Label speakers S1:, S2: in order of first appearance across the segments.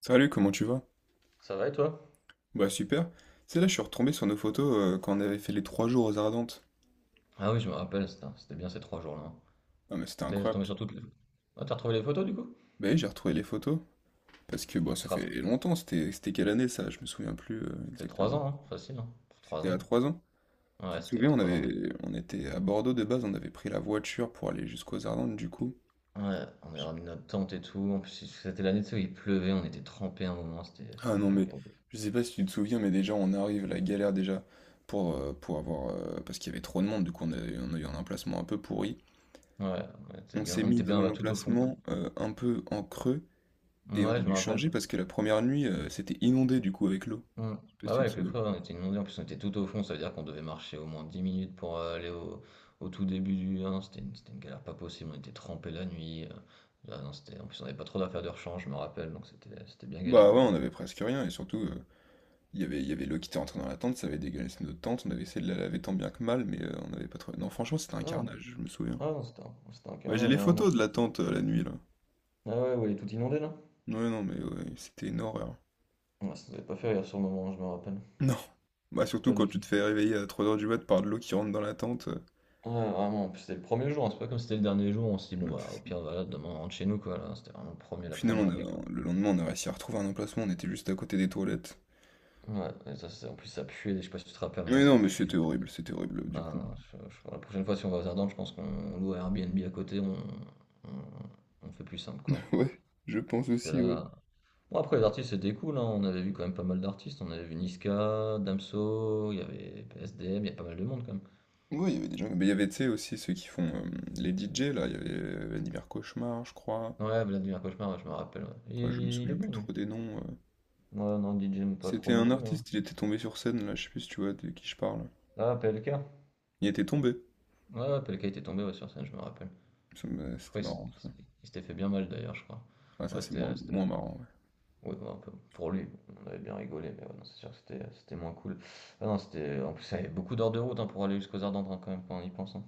S1: Salut, comment tu vas?
S2: Ça va et toi?
S1: Bah super. C'est là, je suis retombé sur nos photos quand on avait fait les 3 jours aux Ardentes.
S2: Ah oui, je me rappelle, c'était bien ces trois jours-là, hein.
S1: Ah mais c'était
S2: T'es
S1: incroyable.
S2: tombé sur toutes les... Ah, t'as retrouvé les photos du coup?
S1: Bah oui, j'ai retrouvé les photos. Parce que bah
S2: Tu
S1: ça
S2: te
S1: fait
S2: rappelles-
S1: longtemps, c'était quelle année ça? Je me souviens plus
S2: C'était trois
S1: exactement.
S2: ans, hein, facile, hein? Trois
S1: C'était à
S2: ans.
S1: 3 ans.
S2: Ouais,
S1: Tu te
S2: c'était il y a
S1: souviens, on
S2: 3 ans. De...
S1: avait on était à Bordeaux de base, on avait pris la voiture pour aller jusqu'aux Ardentes du coup.
S2: Ouais, on avait ramené notre tente et tout. En plus, c'était l'année tu sais, où il pleuvait, on était trempés à un moment, c'était
S1: Ah
S2: une
S1: non mais
S2: gare.
S1: je sais pas si tu te souviens mais déjà on arrive la galère déjà pour avoir parce qu'il y avait trop de monde du coup on a eu un emplacement un peu pourri.
S2: Ouais, on était
S1: On
S2: bien,
S1: s'est
S2: on
S1: mis
S2: était
S1: dans
S2: bien
S1: un
S2: bah, tout au fond.
S1: emplacement un peu en creux. Et on
S2: Ouais,
S1: a
S2: je me
S1: dû
S2: rappelle.
S1: changer parce que la première nuit, c'était inondé du coup avec l'eau.
S2: Hmm.
S1: Je sais pas si
S2: Bah ouais,
S1: tu te
S2: avec le
S1: souviens.
S2: creux, on était inondés. En plus, on était tout au fond, ça veut dire qu'on devait marcher au moins 10 minutes pour aller au tout début du 1. C'était une galère pas possible. On était trempés la nuit. Ah non, c'était, en plus, on n'avait pas trop d'affaires de rechange, je me rappelle. Donc, c'était bien galère
S1: Bah
S2: quand
S1: ouais,
S2: même.
S1: on avait presque rien et surtout, il y avait l'eau qui était rentrée dans la tente, ça avait dégueulassé notre tente, on avait essayé de la laver tant bien que mal, mais on n'avait pas trouvé. Non, franchement, c'était un
S2: Ah non,
S1: carnage, je me souviens.
S2: ah non, c'était un
S1: Bah j'ai
S2: carnage,
S1: les
S2: hein, moi, je
S1: photos de
S2: te dis-
S1: la tente la nuit là.
S2: Ah ouais, ouais, il est tout inondé là?
S1: Ouais, non, mais ouais, c'était une horreur.
S2: Ouais, ça nous avait pas fait rire sur le moment, je me rappelle.
S1: Non. Bah surtout
S2: Pas du
S1: quand tu
S2: tout.
S1: te fais réveiller à 3 heures du mat par de l'eau qui rentre dans la tente.
S2: Ouais, vraiment. En plus, c'était le premier jour, hein. C'est pas comme si c'était le dernier jour. On s'est dit, bon,
S1: Ouais,
S2: bah, au
S1: c'est ça.
S2: pire, voilà, demain, on rentre chez nous, quoi. Là, c'était vraiment le premier,
S1: Au
S2: la
S1: final,
S2: première nuit, quoi.
S1: le lendemain, on a réussi à retrouver un emplacement, on était juste à côté des toilettes.
S2: Ouais, et ça, c'est- en plus, ça puait. Je sais pas si tu te rappelles, à un moment,
S1: Mais
S2: ça
S1: non, mais
S2: puait.
S1: c'était horrible
S2: Ah
S1: du coup.
S2: non, la prochaine fois, si on va aux Ardennes, je pense qu'on loue un Airbnb à côté, on, on fait plus simple, quoi.
S1: Ouais, je pense
S2: Parce que
S1: aussi, ouais.
S2: là... Bon, après, les artistes, c'était cool, hein. On avait vu quand même pas mal d'artistes. On avait vu Niska, Damso, il y avait PSDM, il y a pas mal de monde, quand même.
S1: Ouais, il y avait des gens. Mais il y avait, tu sais, aussi ceux qui font les DJ, là. Il y avait Vladimir Cauchemar, je crois.
S2: Ouais, Vladimir Cauchemar, ouais, je me rappelle, ouais. Il,
S1: Ouais, je me
S2: il est
S1: souviens plus
S2: bon, lui.
S1: trop des noms.
S2: Ouais, non, DJ, mais pas
S1: C'était
S2: trop non
S1: un
S2: plus, mais ouais.
S1: artiste, il était tombé sur scène, là. Je sais plus si tu vois de qui je parle.
S2: Ah, PLK.
S1: Il était tombé.
S2: Ouais, ouais, PLK était tombé ouais, sur scène, je me rappelle. Je crois
S1: C'était
S2: qu'il
S1: marrant, ça.
S2: s- il s'était fait bien mal, d'ailleurs, je crois.
S1: Ah, ça,
S2: Ouais,
S1: c'est
S2: c'était...
S1: moins marrant,
S2: Ouais, bah, un peu pour lui, on avait bien rigolé, mais ouais, non, c'est sûr que c'était moins cool. Ah non, c'était en plus, ça avait beaucoup d'heures de route hein, pour aller jusqu'aux Ardentes hein, quand même quand on y pense, hein.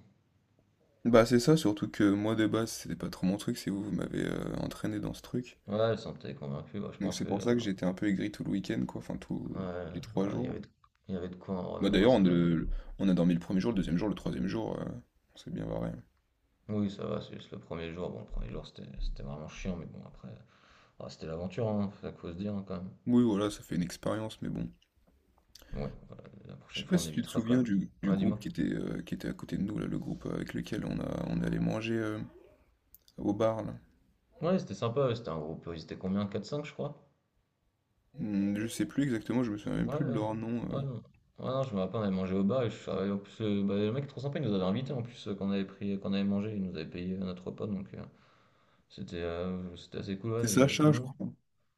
S1: ouais. Bah, c'est ça, surtout que moi, de base, c'était pas trop mon truc. C'est vous, vous m'avez entraîné dans ce truc.
S2: Ouais, elle s'en était convaincue. Bah, je
S1: Donc,
S2: pense
S1: c'est
S2: que
S1: pour ça que j'étais un peu aigri tout le week-end, quoi. Enfin,
S2: ouais,
S1: tous les
S2: je sais
S1: trois
S2: pas, il y avait
S1: jours.
S2: de, il y avait de quoi en vrai,
S1: Bah,
S2: même moi
S1: d'ailleurs,
S2: ça m'a.
S1: on a dormi le premier jour, le deuxième jour, le troisième jour. On s'est bien barré.
S2: Oui, ça va, c'est juste le premier jour. Bon, le premier jour c'était vraiment chiant, mais bon après, ah, c'était l'aventure, hein, à cause dire hein, quand même.
S1: Oui, voilà, ça fait une expérience, mais bon.
S2: Ouais, voilà, la
S1: Je sais
S2: prochaine
S1: pas
S2: fois on
S1: si tu te
S2: évitera quand
S1: souviens
S2: même.
S1: du
S2: Ouais,
S1: groupe
S2: dis-moi.
S1: qui était à côté de nous, là, le groupe avec lequel on allait manger au bar, là.
S2: Ouais, c'était sympa, ouais, c'était un groupe, ils étaient combien? Quatre cinq, je crois.
S1: Hmm, je sais plus exactement, je me souviens même
S2: Ouais,
S1: plus de
S2: ouais,
S1: leur nom.
S2: ouais, non. Ouais, non, je me rappelle, on avait mangé au bar et je suis arrivé. En plus, bah, le mec trop sympa, il nous avait invités en plus, quand on avait mangé, il nous avait payé notre repas donc c'était assez cool.
S1: C'est
S2: Ouais, j'ai-
S1: Sacha, je
S2: non.
S1: crois. Ouais,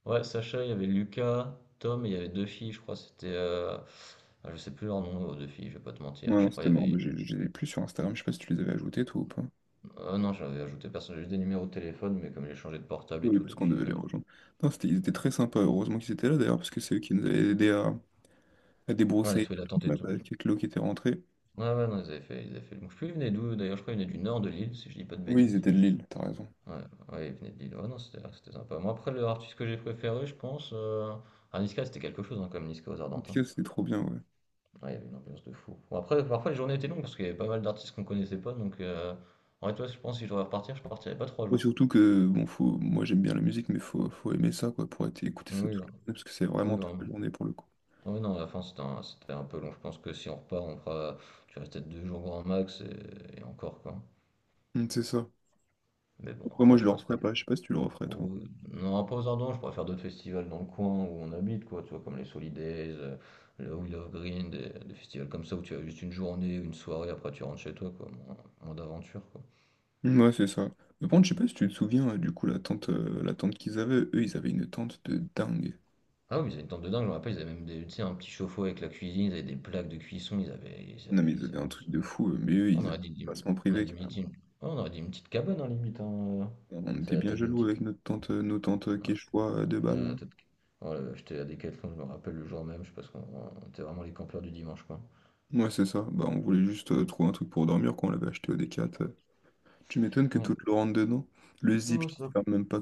S2: Ouais, Sacha, il y avait Lucas, Tom et il y avait deux filles, je crois, c'était. Ah, je sais plus leur nom, aux deux filles, je vais pas te mentir, je
S1: non,
S2: crois, il
S1: c'était
S2: y
S1: mort,
S2: avait.
S1: mais je les ai plus sur Instagram, je sais pas si tu les avais ajoutés, toi, ou pas.
S2: Ah non, j'avais ajouté personne, j'ai juste des numéros de téléphone, mais comme j'ai changé de portable et
S1: Oui,
S2: tout
S1: parce qu'on
S2: depuis.
S1: devait
S2: euh,
S1: les rejoindre. Non, ils étaient très sympas, heureusement qu'ils étaient là, d'ailleurs, parce que c'est eux qui nous avaient aidés à
S2: Ouais, on a
S1: débroussailler
S2: trouvé
S1: la troupe,
S2: l'attente et
S1: là,
S2: tout.
S1: avec l'eau qui était rentrée.
S2: Ouais, ouais, non, ils avaient fait le bon. Je sais plus, ils venaient d'où, d'ailleurs, je crois, ils venaient du nord de l'île, si je dis pas de
S1: Oui, ils
S2: bêtises.
S1: étaient de Lille, t'as raison.
S2: Ouais, ouais, il venait de Lille. Ouais, non, c'était sympa. Moi, après, le artiste que j'ai préféré, je pense... Ah, Niska, c'était quelque chose, hein, comme Niska aux
S1: En tout
S2: Ardentins.
S1: cas, c'était trop bien, ouais.
S2: Ouais, il y avait une ambiance de fou. Bon, après, parfois, les journées étaient longues parce qu'il y avait pas mal d'artistes qu'on connaissait pas. Donc... En vrai, toi, je pense que si je devais repartir, je partirais pas trois
S1: Ouais,
S2: jours.
S1: surtout que bon, moi j'aime bien la musique, mais faut aimer ça quoi, écouter ça toute
S2: Oui, hein.
S1: la journée, parce que c'est
S2: Oui,
S1: vraiment toute la
S2: vraiment.
S1: journée pour le coup.
S2: Oui, non, à la fin, c'était un peu long. Je pense que si on repart, on fera, tu restes peut-être 2 jours grand max et encore, quoi.
S1: Mm, c'est ça.
S2: Mais bon,
S1: Après, moi
S2: après,
S1: je
S2: je
S1: le
S2: pense pas.
S1: referais pas, je sais pas si tu le referais toi.
S2: Ou- Non, pas aux Ardents, je préfère d'autres festivals dans le coin où on habite, quoi, tu vois, comme les Solidays, le Wheel of Green, des festivals comme ça où tu as juste une journée, une soirée, après tu rentres chez toi, quoi, moins d'aventure, quoi.
S1: Mm, ouais, c'est ça. Mais par contre, je sais pas si tu te souviens, du coup, la tente qu'ils avaient, eux ils avaient une tente de dingue.
S2: Ah oui, mais ils avaient une tente de dingue, je me rappelle, ils avaient même des, tu sais, un petit chauffe-eau avec la cuisine, ils avaient des plaques de cuisson, ils avaient, ils
S1: Non, mais
S2: avaient,
S1: ils
S2: ils
S1: avaient un
S2: avaient...
S1: truc de fou, mais eux
S2: On
S1: ils avaient
S2: aurait dit,
S1: un
S2: lim-
S1: placement
S2: on a
S1: privé
S2: dit, limite
S1: carrément.
S2: une- ouais, on aurait dit une petite cabane, hein, limite, hein,
S1: On
S2: c'est
S1: était
S2: la
S1: bien
S2: taille d'une
S1: jaloux
S2: petite...
S1: avec nos tentes
S2: Ouais,
S1: quechua à deux
S2: la
S1: balles.
S2: tête- Voilà, j'étais à Decathlon, je me rappelle le jour même, je sais pas ce qu'on était vraiment les campeurs du dimanche, quoi.
S1: Ouais, c'est ça. Bah, on voulait juste trouver un truc pour dormir quand on l'avait acheté au D4. Tu m'étonnes que tout
S2: Ouais.
S1: te le rentre dedans. Le zip,
S2: Non,
S1: je
S2: c'est
S1: ne ferme même pas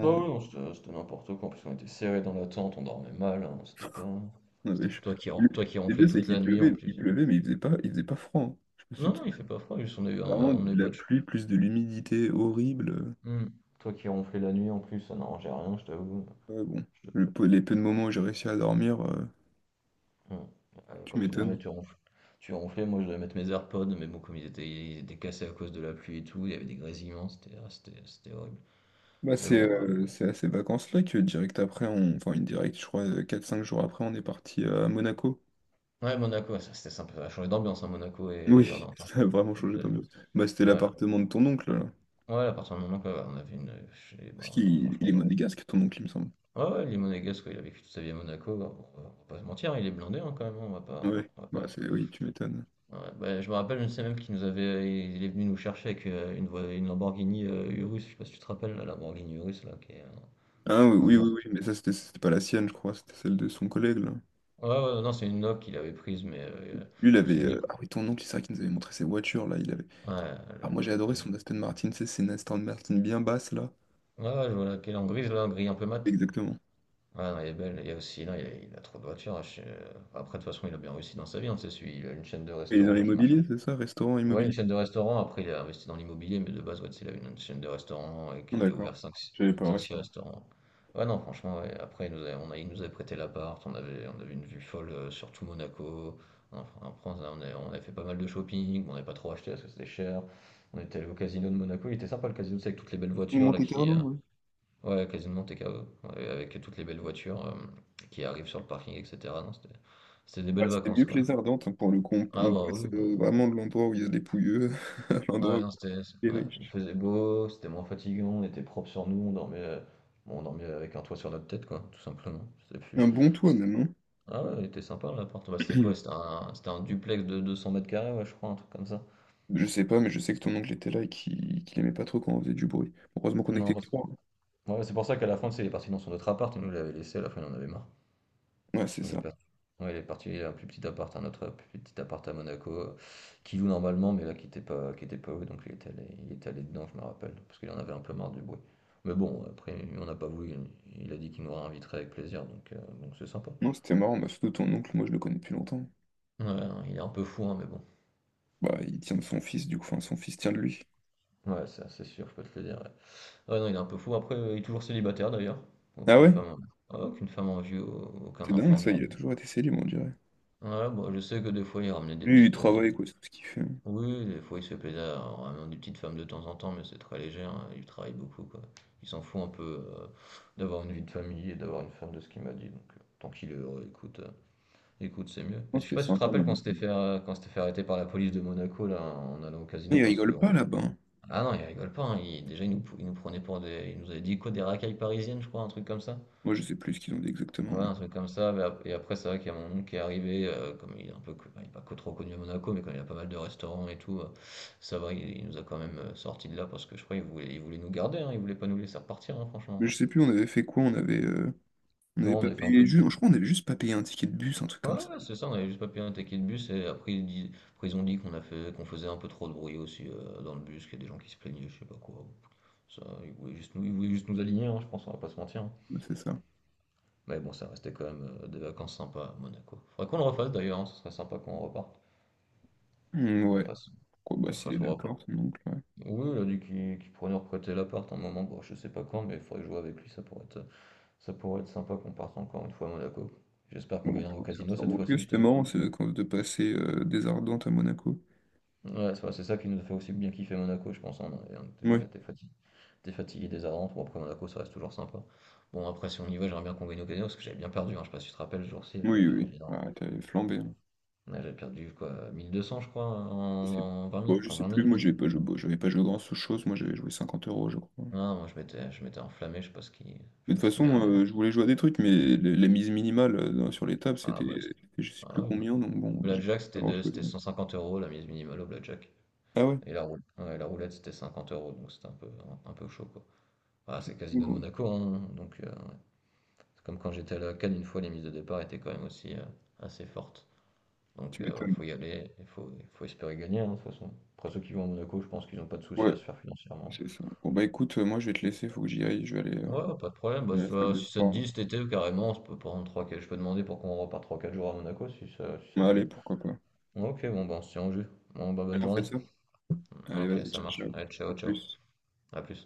S2: Bah oui non, c'était n'importe quoi. En plus, on était serrés dans la tente, on dormait mal, hein. C'était pas.
S1: Non,
S2: C'était toi qui, ron-
S1: Le
S2: toi qui
S1: le
S2: ronflais
S1: pire, c'est
S2: toute
S1: qu'il
S2: la nuit en
S1: pleuvait, il
S2: plus.
S1: pleuvait, mais il faisait pas froid, hein. Je me suis
S2: Non,
S1: tout...
S2: non, il fait pas froid, juste on a eu
S1: vraiment de la
S2: pas de chaud.
S1: pluie plus de l'humidité horrible.
S2: Hmm. Toi qui ronflais la nuit en plus, ça n'arrangeait rien, je t'avoue.
S1: Ouais, bon.
S2: Je te-
S1: Les peu de moments où j'ai réussi à dormir,
S2: Hmm.
S1: tu
S2: Quand tu dormais,
S1: m'étonnes.
S2: tu ronflais. Tu ronflais, moi je devais mettre mes AirPods, mais bon, comme ils étaient cassés à cause de la pluie et tout, il y avait des grésillements, c'était horrible.
S1: Bah,
S2: Mais
S1: c'est
S2: bon.
S1: euh, c'est à ces vacances-là que direct après, on... enfin une directe, je crois, 4 5 jours après, on est parti à Monaco.
S2: Ouais, Monaco, ça, c'était sympa, ça a changé d'ambiance, hein, Monaco et les
S1: Oui,
S2: Ardentes, hein.
S1: ça a vraiment
S2: Faut que je
S1: changé
S2: te le dise.
S1: d'ambiance. Bah, c'était
S2: Ouais.
S1: l'appartement de ton oncle, là.
S2: Ouais, à partir du moment que, voilà, on avait une, chez bah,
S1: Parce qu'il il
S2: franchement,
S1: est
S2: là.
S1: monégasque, ton oncle, il me semble.
S2: Ouais, ouais, il est monégasque, ouais, il a vécu toute sa vie à Monaco, bah, on va pas se mentir, il est blindé, hein, quand même, hein, on va pas
S1: Ouais,
S2: on va
S1: bah
S2: pas
S1: c'est oui, tu m'étonnes.
S2: ouais, bah, je me rappelle, je sais même qu'il nous avait il est venu nous chercher avec, une Lamborghini, Urus, je sais pas si tu te rappelles, la Lamborghini Urus, là, qui est
S1: Ah oui,
S2: en
S1: oui,
S2: noir.
S1: oui, oui, mais ça, c'était pas la sienne, je crois, c'était celle de son collègue, là.
S2: Ouais, ouais, non, c'est une Nok qu'il avait prise, mais,
S1: Lui, il
S2: parce que
S1: avait...
S2: lui
S1: Ah oui, ton oncle, c'est vrai qu'il nous avait montré ses voitures, là, il avait...
S2: ouais,
S1: Ah, moi, j'ai
S2: le
S1: adoré
S2: g
S1: son Aston Martin, tu sais, c'est une Aston Martin bien basse, là.
S2: ouais, ouais, je vois laquelle, en grise, là, en gris un peu mat.
S1: Exactement.
S2: Ah non, elle est belle, il y a aussi, non, il a trop de voitures, hein, chez après de toute façon, il a bien réussi dans sa vie, hein, tu sais, celui il a une chaîne de
S1: Et il est dans
S2: restaurants qui
S1: l'immobilier, c'est ça? Restaurant,
S2: Ouais, une
S1: immobilier?
S2: chaîne de restaurants. Après, il a investi dans l'immobilier, mais de base, ouais, c'est une chaîne de restaurants et
S1: Ah,
S2: qu'il a
S1: d'accord.
S2: ouvert cinq
S1: J'avais pas le
S2: six
S1: restaurant.
S2: restaurants. Ouais, non, franchement, ouais. Après, il nous avait prêté l'appart, on avait une vue folle sur tout Monaco. Enfin, en France, on a fait pas mal de shopping, mais on n'a pas trop acheté parce que c'était cher. On était allé au casino de Monaco, il était sympa le casino, c'est avec toutes les belles
S1: Ou
S2: voitures là qui.
S1: Monte-Carlo,
S2: euh,
S1: ouais.
S2: Ouais, casino de Monte Carlo, ouais, avec toutes les belles voitures qui arrivent sur le parking, etc. Non, c'était des
S1: Ouais,
S2: belles
S1: c'était mieux
S2: vacances
S1: que
S2: quand
S1: les
S2: même.
S1: Ardentes, hein, pour le coup. On,
S2: Ah
S1: on
S2: bah
S1: passe
S2: oui, bon.
S1: vraiment de l'endroit où il y a des pouilleux à l'endroit
S2: Ouais,
S1: où
S2: non,
S1: il y a des
S2: ouais, il
S1: riches.
S2: faisait beau, c'était moins fatigant, on était propre sur nous, on dormait avec un toit sur notre tête, quoi, tout simplement. C'était plus...
S1: Un bon toit,
S2: C'est-
S1: même, hein.
S2: Ah ouais, il était sympa l'appart. Bah, c'était quoi? C'était un duplex de 200 mètres carrés, ouais, je crois, un truc comme ça.
S1: Je sais pas, mais je sais que ton oncle était là et qu'il aimait pas trop quand on faisait du bruit. Heureusement qu'on était
S2: Non,
S1: que trois, hein.
S2: ouais, c'est pour ça qu'à la fin, tu sais, il est parti dans son autre appart, et nous, il l'avait laissé, à la fin, il en avait marre.
S1: Ouais, c'est
S2: Il est
S1: ça.
S2: parti, ouais, il est parti à un plus petit appart, un autre plus petit appart à Monaco, qu'il loue normalement, mais là qui était pas loué, donc il était allé dedans, je me rappelle, parce qu'il en avait un peu marre du bruit. Mais bon, après, on n'a pas voulu, il a dit qu'il nous réinviterait avec plaisir, donc c'est sympa.
S1: Non, c'était marrant, bah, surtout ton oncle, moi je le connais depuis longtemps.
S2: Ouais, non, il est un peu fou, hein, mais bon.
S1: Bah, il tient de son fils, du coup, enfin, son fils tient de lui.
S2: Ouais, ça, c'est sûr, je peux te le dire. Ouais. Ouais, non, il est un peu fou. Après, il est toujours célibataire d'ailleurs.
S1: Ah
S2: Aucune
S1: ouais?
S2: femme, aucune femme en vue, aucun
S1: C'est dingue,
S2: enfant du
S1: ça, il a
S2: coup.
S1: toujours été célèbre, on dirait.
S2: Ouais, bon, je sais que des fois, il ramenait des
S1: Lui, il
S2: petites, des
S1: travaille, quoi, c'est tout ce qu'il fait.
S2: oui, oui, des fois il se fait plaisir en ramenant des petites femmes de temps en temps, mais c'est très léger, hein, il travaille beaucoup, quoi. Il s'en fout un peu euh, d'avoir une vie de famille et d'avoir une femme de ce qu'il m'a dit, donc tant qu'il est heureux, écoute, c'est mieux.
S1: Non,
S2: Et je sais
S1: c'était
S2: pas si tu te
S1: sympa,
S2: rappelles quand on
S1: man.
S2: s'était quand on s'était fait arrêter par la police de Monaco, là, en allant au
S1: Mais
S2: casino,
S1: ils
S2: parce que
S1: rigolent pas là-bas, hein.
S2: ah non, il rigole pas, hein, déjà il nous prenait pour des... Il nous avait dit quoi, des racailles parisiennes, je crois, un truc comme ça.
S1: Moi, je sais plus ce qu'ils ont dit exactement,
S2: Ouais, un truc comme ça, mais et après, c'est vrai qu'il y a mon oncle qui est arrivé, comme il est un peu, il est pas co- trop connu à Monaco, mais comme il a pas mal de restaurants et tout, ça va, il nous a quand même sortis de là parce que je crois il voulait nous garder, hein, il voulait pas nous laisser repartir, hein,
S1: mais
S2: franchement.
S1: je sais plus, on avait fait quoi, on avait... On avait
S2: Non, on
S1: pas
S2: avait fait un peu
S1: payé...
S2: de...
S1: Je crois qu'on avait juste pas payé un ticket de bus, un truc
S2: Ouais,
S1: comme ça.
S2: ouais, c'est ça, on avait juste pas payé un ticket de bus et après, après, ils ont dit qu'on faisait un peu trop de bruit aussi dans le bus, qu'il y a des gens qui se plaignaient, je sais pas quoi. Ça, ils voulaient juste nous aligner, hein, je pense, on va pas se mentir, hein.
S1: Ouais, c'est ça.
S2: Mais bon, ça restait quand même des vacances sympas à Monaco. Faudrait qu'on le refasse d'ailleurs, hein, ce serait sympa qu'on reparte,
S1: Hmm,
S2: qu'on
S1: ouais.
S2: fasse.
S1: Quoi, bah,
S2: Qu'on
S1: s'il est
S2: fasse voir pas.
S1: d'accord, ton oncle, ouais.
S2: Oui, il a dit qu'il pourrait nous reprêter l'appart un moment, bon, je sais pas quand, mais il faudrait jouer avec lui, ça pourrait être sympa qu'on parte encore une fois à Monaco. J'espère qu'on
S1: Bon, on
S2: gagnera au
S1: pourra se faire
S2: casino
S1: ça.
S2: cette
S1: Bon, en tout cas,
S2: fois-ci, je
S1: c'était
S2: t'avoue.
S1: marrant, ces vacances de passer des Ardentes à Monaco.
S2: Ouais, c'est vrai, c'est ça qui nous fait aussi bien kiffer Monaco, je pense, hein, on
S1: Ouais.
S2: était fatigué des bon, après Monaco, ça reste toujours sympa. Bon, après, si on y va, j'aimerais bien qu'on gagne au casino, parce que j'avais bien perdu, hein, je sais pas si tu te rappelles, ce jour-ci, j'avais
S1: Oui, oui, oui.
S2: perdu énorme.
S1: Ah, t'avais flambé, hein.
S2: Ouais, j'avais perdu, quoi, 1 200, je crois,
S1: Je sais,
S2: en 20,
S1: moi, je
S2: en
S1: sais
S2: 20
S1: plus, moi
S2: minutes.
S1: j'avais pas joué, bon, j'avais pas joué grand chose, moi j'avais joué 50 euros, je crois.
S2: Ah, je m'étais enflammé, je
S1: Mais
S2: sais
S1: de
S2: pas
S1: toute
S2: ce qui m'est
S1: façon,
S2: arrivé.
S1: je voulais jouer à des trucs, mais la mise minimale sur les tables,
S2: Ah,
S1: c'était
S2: bah,
S1: c'était je sais plus
S2: Ah,
S1: combien, donc bon, j'ai
S2: Blackjack,
S1: pas
S2: c'était
S1: grand-chose,
S2: c'était
S1: ouais.
S2: 150 € la mise minimale au Blackjack.
S1: Ah ouais?
S2: Et la roulette, ouais, la roulette c'était 50 euros, donc c'était un peu, un peu chaud quoi. Ah, c'est Casino de
S1: Bon,
S2: Monaco, hein, donc ouais. C'est comme quand j'étais à la Cannes, une fois, les mises de départ étaient quand même aussi assez fortes. Donc
S1: tu
S2: ouais,
S1: m'étonnes.
S2: faut y aller, il faut espérer gagner hein, de toute façon. Après ceux qui vont à Monaco, je pense qu'ils n'ont pas de soucis
S1: Ouais,
S2: à se faire financièrement.
S1: c'est ça. Bon bah écoute, moi je vais te laisser, faut que j'y aille, je vais aller
S2: Ouais, pas de problème, bah,
S1: à la salle
S2: ça-
S1: de
S2: si ça te
S1: sport, là.
S2: dit cet été, carrément, on peut prendre 3, je peux demander pour qu'on repart 3 4 jours à Monaco si ça te
S1: Bah,
S2: dit.
S1: allez, pourquoi pas.
S2: Ouais, ok, bon, bah, on se tient au jus. Bon, bah, bonne
S1: Allez, on fait
S2: journée.
S1: ça? Allez,
S2: Ok,
S1: vas-y,
S2: ça
S1: ciao,
S2: marche.
S1: ciao.
S2: Allez,
S1: À
S2: ciao, ciao.
S1: plus.
S2: À plus.